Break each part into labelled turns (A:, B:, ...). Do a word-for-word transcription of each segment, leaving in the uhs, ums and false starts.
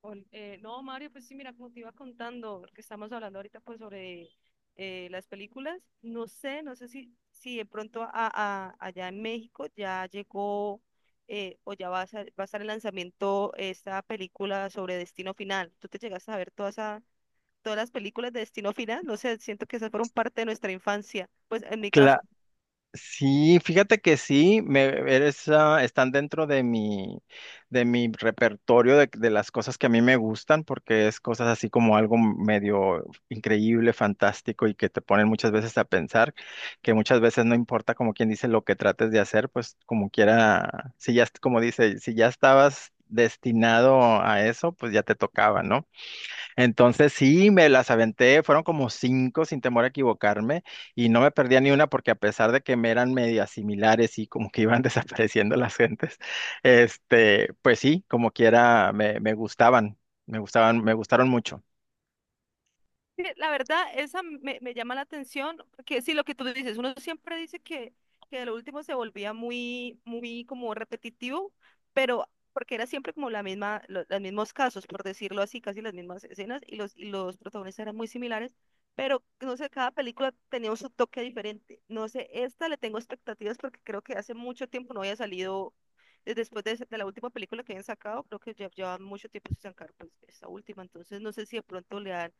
A: Ol- eh, no, Mario, pues sí, mira, como te iba contando, porque estamos hablando ahorita pues sobre eh, las películas, no sé, no sé si, si de pronto a, a- allá en México ya llegó eh, o ya va a, ser- va a estar el lanzamiento esta película sobre Destino Final. ¿Tú te llegaste a ver toda esa- todas las películas de Destino Final? No sé, siento que esas fueron parte de nuestra infancia. Pues en mi caso
B: Cla- sí, fíjate que sí, me, eres, ah, están dentro de mi, de mi repertorio de, de las cosas que a mí me gustan, porque es cosas así como algo medio increíble, fantástico y que te ponen muchas veces a pensar, que muchas veces no importa como quien dice lo que trates de hacer, pues como quiera, si ya, est- como dice, si ya estabas destinado a eso, pues ya te tocaba, ¿no? Entonces sí, me las aventé, fueron como cinco sin temor a equivocarme y no me perdía ni una porque a pesar de que me eran medias similares y como que iban desapareciendo las gentes, este, pues sí, como quiera me, me gustaban, me gustaban, me gustaron mucho.
A: sí. La verdad, esa me, me llama la atención, que sí, lo que tú dices, uno siempre dice que, que de lo último se volvía muy, muy como repetitivo, pero porque era siempre como la misma, lo- los mismos casos, por decirlo así, casi las mismas escenas y los, y los protagonistas eran muy similares, pero no sé, cada película tenía un su toque diferente. No sé, esta le tengo expectativas porque creo que hace mucho tiempo no había salido, eh, después de esa- de la última película que habían sacado, creo que ya lleva mucho tiempo sin sacar pues, esta última, entonces no sé si de pronto le dan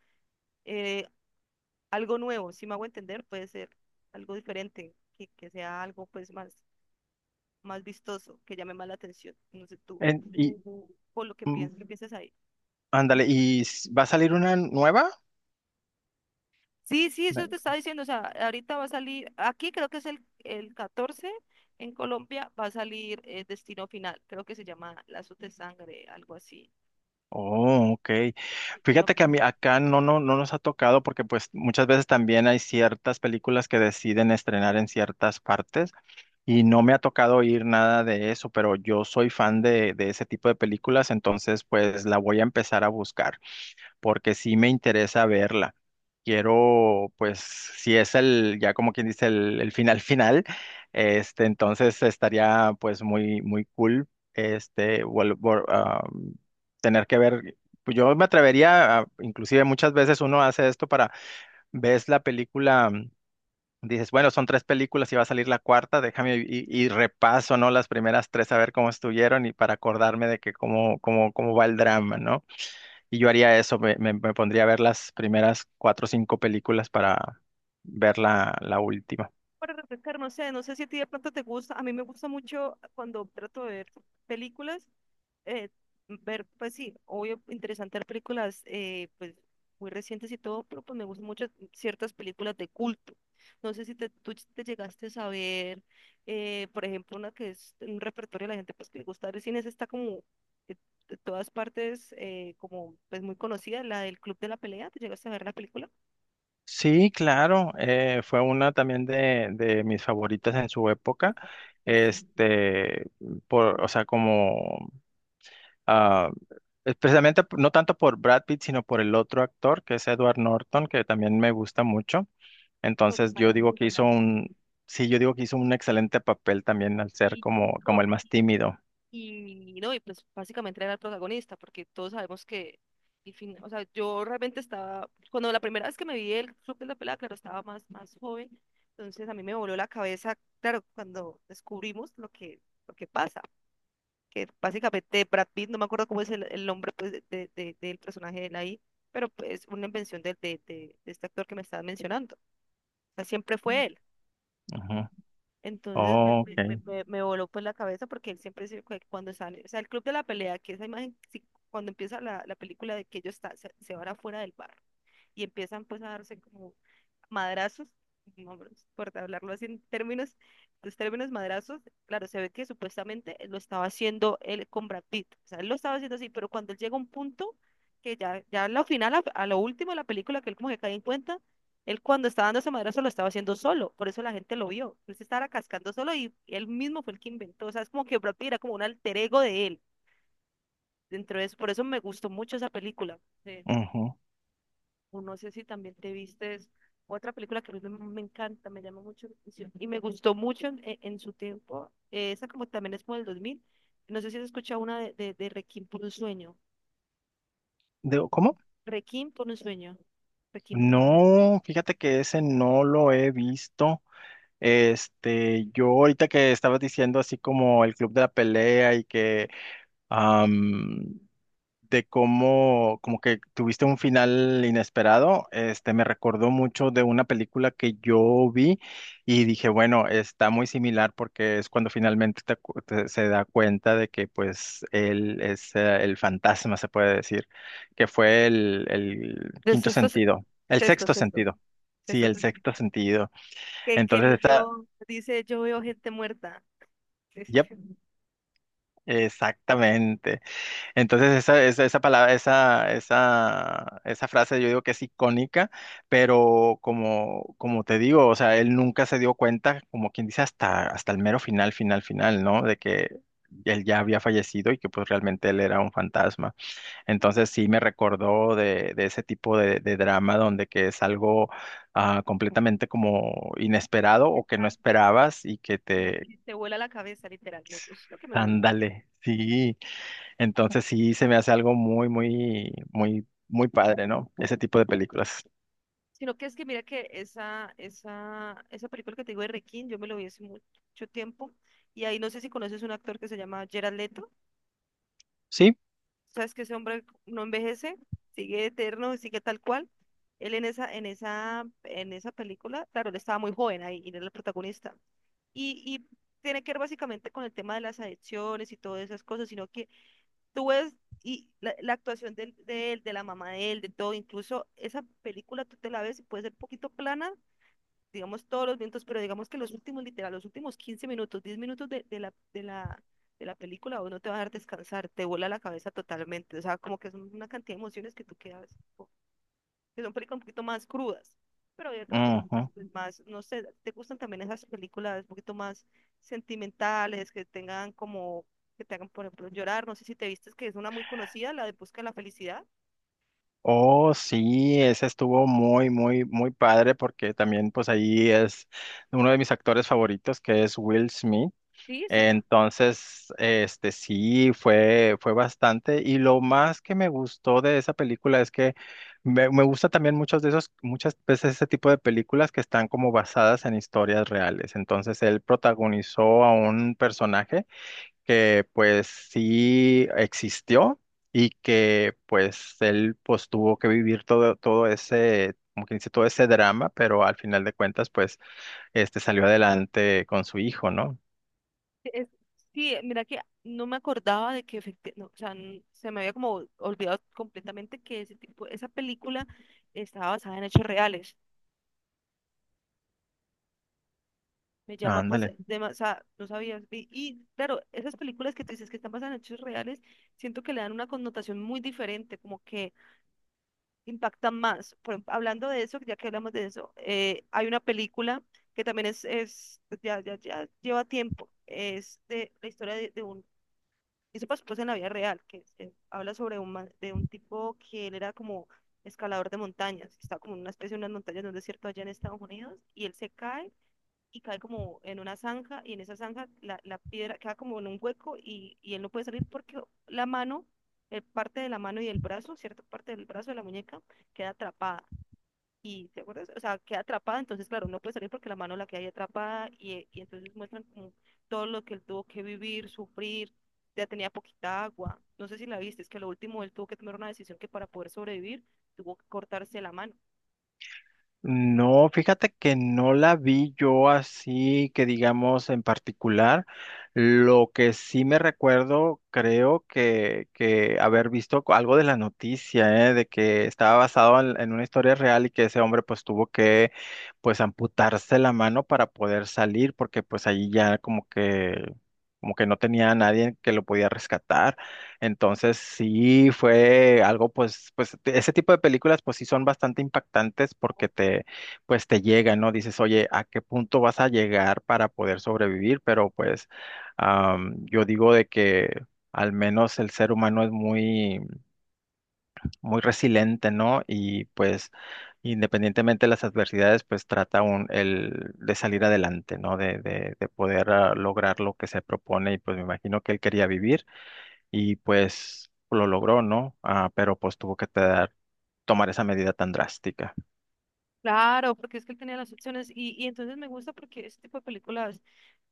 A: algo nuevo, si me hago entender, puede ser algo diferente, que, que sea algo pues más, más vistoso, que llame más la atención, no sé tú,
B: En- y
A: ujú, por lo que
B: mm,
A: piensas, ¿qué piensas ahí?
B: ándale, ¿y s- va a salir una nueva?
A: Sí, sí, eso te estaba diciendo, o sea, ahorita va a salir, aquí creo que es el, el catorce en Colombia va a salir, eh, Destino Final, creo que se llama Lazos de Sangre, algo así.
B: Oh, ok.
A: Destino
B: Fíjate que a
A: Final.
B: mí acá no, no, no nos ha tocado porque pues muchas veces también hay ciertas películas que deciden estrenar en ciertas partes y no me ha tocado oír nada de eso, pero yo soy fan de, de ese tipo de películas, entonces pues la voy a empezar a buscar porque sí me interesa verla. Quiero, pues, si es el, ya como quien dice, el, el final final, este, entonces estaría pues muy, muy cool, este, vol- vol- ah, tener que ver, pues, yo me atrevería, a- inclusive muchas veces uno hace esto para, ves la película, dices, bueno, son tres películas y va a salir la cuarta, déjame y, y repaso, ¿no? Las primeras tres a ver cómo estuvieron y para acordarme de que cómo, cómo, cómo va el drama, ¿no? Y yo haría eso, me, me- me pondría a ver las primeras cuatro o cinco películas para ver la, la última.
A: Para refrescar, no sé, no sé si a ti de pronto te gusta, a mí me gusta mucho cuando trato de ver películas. eh, Ver, pues sí, obvio, interesante las películas, eh, pues muy recientes y todo, pero pues me gustan mucho ciertas películas de culto. No sé si te, tú te llegaste a saber, eh, por ejemplo, una que es un repertorio de la gente pues que le gusta ver cine, esa está como eh, de todas partes, eh, como pues muy conocida, la del Club de la Pelea. ¿Te llegaste a ver la película?
B: Sí, claro, eh, fue una también de, de mis favoritas en su época.
A: Que es
B: Este, por, o sea, como, ah, es precisamente p- no tanto por Brad Pitt, sino por el otro actor, que es Edward Norton, que también me gusta mucho.
A: pues,
B: Entonces,
A: Guzmán,
B: yo
A: es
B: digo
A: muy
B: que
A: buena.
B: hizo un, sí, yo digo que hizo un excelente papel también al ser
A: Y,
B: como, como el más tímido.
A: Y no, y pues básicamente era el protagonista, porque todos sabemos que el fin- o sea, yo realmente estaba, cuando la primera vez que me vi el Club de la Pelea, claro, estaba más, más joven, entonces a mí me voló la cabeza, claro, cuando descubrimos lo que, lo que pasa, que básicamente Brad Pitt, no me acuerdo cómo es el, el nombre pues, de, de- de- del personaje de él ahí, pero es una invención de, de, de- de este actor que me estaba mencionando, o sea, siempre fue él.
B: Ujú.
A: Entonces me,
B: Oh,
A: me, me-
B: ok.
A: me- me voló pues la cabeza porque él siempre se, cu- cuando sale, o sea, el Club de la Pelea, que esa imagen, sí, cuando empieza la, la película de que ellos están, se, se van afuera del bar y empiezan pues a darse como madrazos, no, no importa hablarlo así en términos, los términos madrazos, claro, se ve que supuestamente lo estaba haciendo él con Brad Pitt, o sea, él lo estaba haciendo así, pero cuando él llega a un punto que ya, ya a lo final, a, a lo último de la película, que él como que cae en cuenta, él cuando estaba dando ese madrazo lo estaba haciendo solo, por eso la gente lo vio, él se estaba cascando solo y él mismo fue el que inventó, o sea, es como que Brad Pitt era como un alter ego de él, dentro de eso, por eso me gustó mucho esa película. Sí
B: Ujú.
A: o no sé si también te vistes otra película que a mí me me encanta, me llama mucho la atención y me gustó mucho en en- en su tiempo. eh, esa como también es como del dos mil. No sé si has escuchado una de, de, de Requiem por un sueño.
B: Digo, ¿cómo?
A: Requiem por un sueño. Requiem por un sueño.
B: No, fíjate que ese no lo he visto. Este, yo ahorita que estabas diciendo así como el club de la pelea y que de cómo como que tuviste un final inesperado, este me recordó mucho de una película que yo vi y dije, bueno, está muy similar porque es cuando finalmente te acu- te- se da cuenta de que pues él es eh, el fantasma, se puede decir, que fue el, el
A: De
B: quinto
A: sexto, se-
B: sentido, el
A: sexto,
B: sexto
A: sexto
B: sentido. Sí,
A: sexto
B: el
A: sentido.
B: sexto sentido.
A: Que, que el
B: Entonces, esa,
A: niño dice, yo veo gente muerta. Es-
B: yep,
A: es-
B: exactamente. Entonces esa, esa, esa palabra, esa, esa, esa frase yo digo que es icónica, pero como, como te digo, o sea, él nunca se dio cuenta, como quien dice, hasta, hasta el mero final, final, final, ¿no? De que él ya había fallecido y que pues realmente él era un fantasma. Entonces sí me recordó de, de ese tipo de, de drama donde que es algo ah, completamente como inesperado
A: es
B: o que no
A: tan-
B: esperabas y que
A: y
B: te...
A: Te vuela la cabeza, literal. Me gusta, lo que me gusta.
B: Ándale, sí. Entonces sí se me hace algo muy, muy, muy, muy padre, ¿no? Ese tipo de películas.
A: Sino que es que mira que esa, esa, esa película que te digo de Requiem, yo me lo vi hace mucho tiempo. Y ahí no sé si conoces un actor que se llama Gerard Leto.
B: Sí.
A: Sabes que ese hombre no envejece, sigue eterno, sigue tal cual. Él en esa, en esa, en esa película, claro, él estaba muy joven ahí, y él era el protagonista. Y, y tiene que ver básicamente con el tema de las adicciones y todas esas cosas, sino que tú ves y la, la actuación del- de él, de la mamá de él, de todo, incluso esa película tú te la ves y puede ser un poquito plana digamos todos los minutos, pero digamos que los últimos, literal, los últimos quince minutos, diez minutos de de la, de la, de la película, vos no te vas a dejar descansar, te vuela la cabeza totalmente, o sea, como que son una cantidad de emociones que tú quedas, como- que son películas un poquito más crudas, pero hay otras películas
B: Ujú.
A: pues, más, no sé, ¿te gustan también esas películas un poquito más sentimentales, que tengan como, que te hagan, por ejemplo, llorar? No sé si te vistes que es una muy conocida, la de Busca la Felicidad.
B: Oh, sí, ese estuvo muy, muy, muy padre porque también pues ahí es uno de mis actores favoritos que es Will Smith.
A: Sí, sí, es
B: Entonces, este sí, fue, fue bastante. Y lo más que me gustó de esa película es que me, me gusta también muchos de esos, muchas veces ese tipo de películas que están como basadas en historias reales. Entonces, él protagonizó a un personaje que pues sí existió y que pues él pues tuvo que vivir todo, todo ese, como que dice, todo ese drama, pero al final de cuentas pues este salió adelante con su hijo, ¿no?
A: Es, sí, mira que no me acordaba de que efecti- no, o sea, n- se me había como olvidado completamente que ese tipo, esa película estaba basada en hechos reales. Me llama pues,
B: Ándale.
A: de, o sea, no sabía. Y y, claro, esas películas que tú dices que están basadas en hechos reales, siento que le dan una connotación muy diferente, como que impactan más. Por ejemplo, hablando de eso, ya que hablamos de eso, eh, hay una película que también es, es ya, ya, ya lleva tiempo. Es de la historia de, de un. Eso pasó pues en la vida real, que se habla sobre un, man- de un tipo que él era como escalador de montañas, estaba como en una especie de unas montañas de un desierto allá en Estados Unidos, y él se cae y cae como en una zanja, y en esa zanja la, la piedra queda como en un hueco y, y él no puede salir porque la mano, eh, parte de la mano y del brazo, cierta parte del brazo de la muñeca, queda atrapada. ¿Y te acuerdas? O sea, queda atrapada, entonces, claro, no puede salir porque la mano la queda ahí atrapada y, y entonces muestran como todo lo que él tuvo que vivir, sufrir, ya tenía poquita agua. No sé si la viste, es que lo último él tuvo que tomar una decisión que para poder sobrevivir tuvo que cortarse la mano.
B: No, fíjate que no la vi yo así, que digamos en particular. Lo que sí me recuerdo, creo que, que haber visto co- algo de la noticia, ¿eh? De que estaba basado en, en una historia real y que ese hombre pues tuvo que pues amputarse la mano para poder salir, porque pues allí ya como que como que no tenía a nadie que lo podía rescatar. Entonces sí fue algo, pues, pues de- ese tipo de películas pues sí son bastante impactantes porque te, pues te llegan, ¿no? Dices, oye, ¿a qué punto vas a llegar para poder sobrevivir? Pero pues am, yo digo de que al menos el ser humano es muy, muy resiliente, ¿no? Y pues independientemente de las adversidades, pues trata un, el, de salir adelante, ¿no? De, de, de poder ah, lograr lo que se propone y pues me imagino que él quería vivir y pues lo logró, ¿no? Ah, pero pues tuvo que te- tomar esa medida tan drástica.
A: Claro, porque es que él tenía las opciones y, y entonces me gusta porque este tipo de películas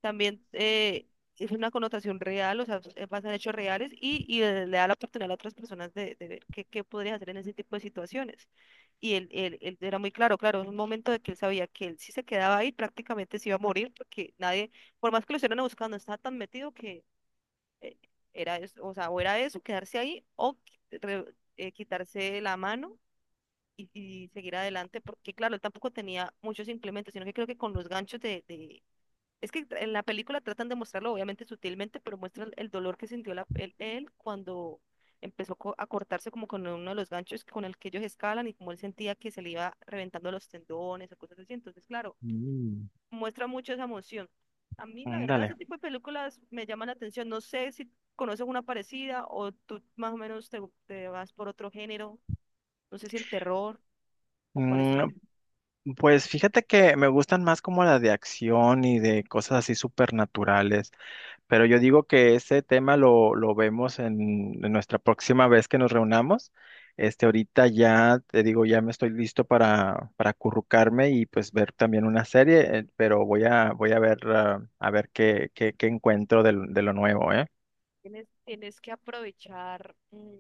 A: también, eh, es una connotación real, o sea, eh, basan en hechos reales y, y le le da la oportunidad a otras personas de, de ver qué, qué podrías hacer en ese tipo de situaciones. Y él, él, él era muy claro, claro, en un momento de que él sabía que él si se quedaba ahí prácticamente se iba a morir porque nadie, por más que lo estuvieran buscando, estaba tan metido que eh, era eso, o sea, o era eso, quedarse ahí o qui- re- eh, quitarse la mano y, y seguir adelante, porque claro, él tampoco tenía muchos implementos, sino que creo que con los ganchos de, de- es que en la película tratan de mostrarlo, obviamente sutilmente, pero muestra el, el dolor que sintió la- él, él cuando empezó co- a cortarse como con uno de los ganchos con el que ellos escalan y como él sentía que se le iba reventando los tendones o cosas así. Entonces, claro,
B: Mm.
A: muestra mucho esa emoción. A mí, la
B: Mm,
A: verdad,
B: dale.
A: ese tipo de películas me llaman la atención. No sé si conoces una parecida o tú más o menos te, te vas por otro género. No sé si el terror o cuál es tu.
B: Mm, Pues fíjate que me gustan más como la de acción y de cosas así supernaturales, pero yo digo que ese tema lo, lo vemos en, en nuestra próxima vez que nos reunamos. Este, ahorita ya te digo, ya me estoy listo para, para acurrucarme y pues ver también una serie, eh, pero voy a, voy a ver, ah, a ver qué, qué, qué encuentro del- de lo nuevo, ¿eh?
A: Tienes, tienes que aprovechar, mm,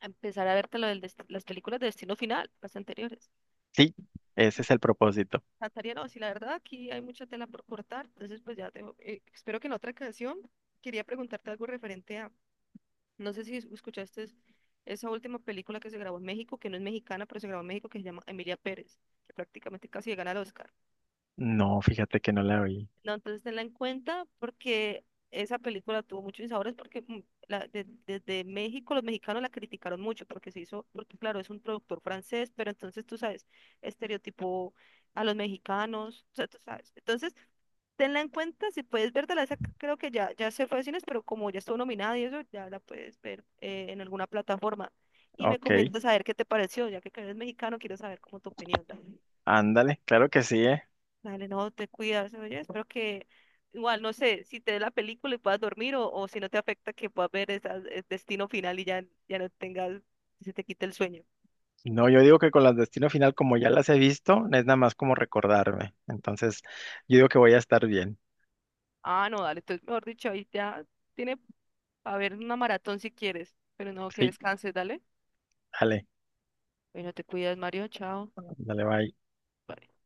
A: a empezar a verte lo del dest- las películas de Destino Final, las anteriores.
B: Sí, ese es el propósito.
A: Natalia, no, si la verdad aquí hay mucha tela por cortar, entonces pues ya tengo, eh, espero que en otra canción quería preguntarte algo referente a, no sé si escuchaste esa última película que se grabó en México, que no es mexicana, pero se grabó en México, que se llama Emilia Pérez, que prácticamente casi le gana el Oscar.
B: No, fíjate que no la oí.
A: No, entonces tenla en cuenta porque esa película tuvo muchos insabores porque mm, la- de- desde México los mexicanos la criticaron mucho porque se hizo, porque claro, es un productor francés, pero entonces tú sabes, estereotipo a los mexicanos, o sea, tú sabes. Entonces, tenla en cuenta, si puedes verla, esa c- creo que ya, ya se fue a cines, pero como ya estuvo nominada y eso, ya la puedes ver eh, en alguna plataforma. Y me
B: Ok,
A: comentas a ver qué te pareció, ya que eres mexicano, quiero saber cómo tu opinión. Dale.
B: ándale, claro que sí, ¿eh?
A: Dale, no, te cuidas, oye, espero que igual, no sé, si te dé la película y puedas dormir o, o si no te afecta que puedas ver esa- el Destino Final y ya, ya no tengas, se te quite el sueño.
B: No, yo digo que con las Destino Final, como ya las he visto, es nada más como recordarme. Entonces, yo digo que voy a estar bien.
A: Ah, no, dale, entonces mejor dicho, ahí ya tiene para ver una maratón si quieres, pero no, que
B: Sí,
A: descanses, dale.
B: dale,
A: Bueno, te cuidas, Mario, chao.
B: dale, bye.
A: Bye.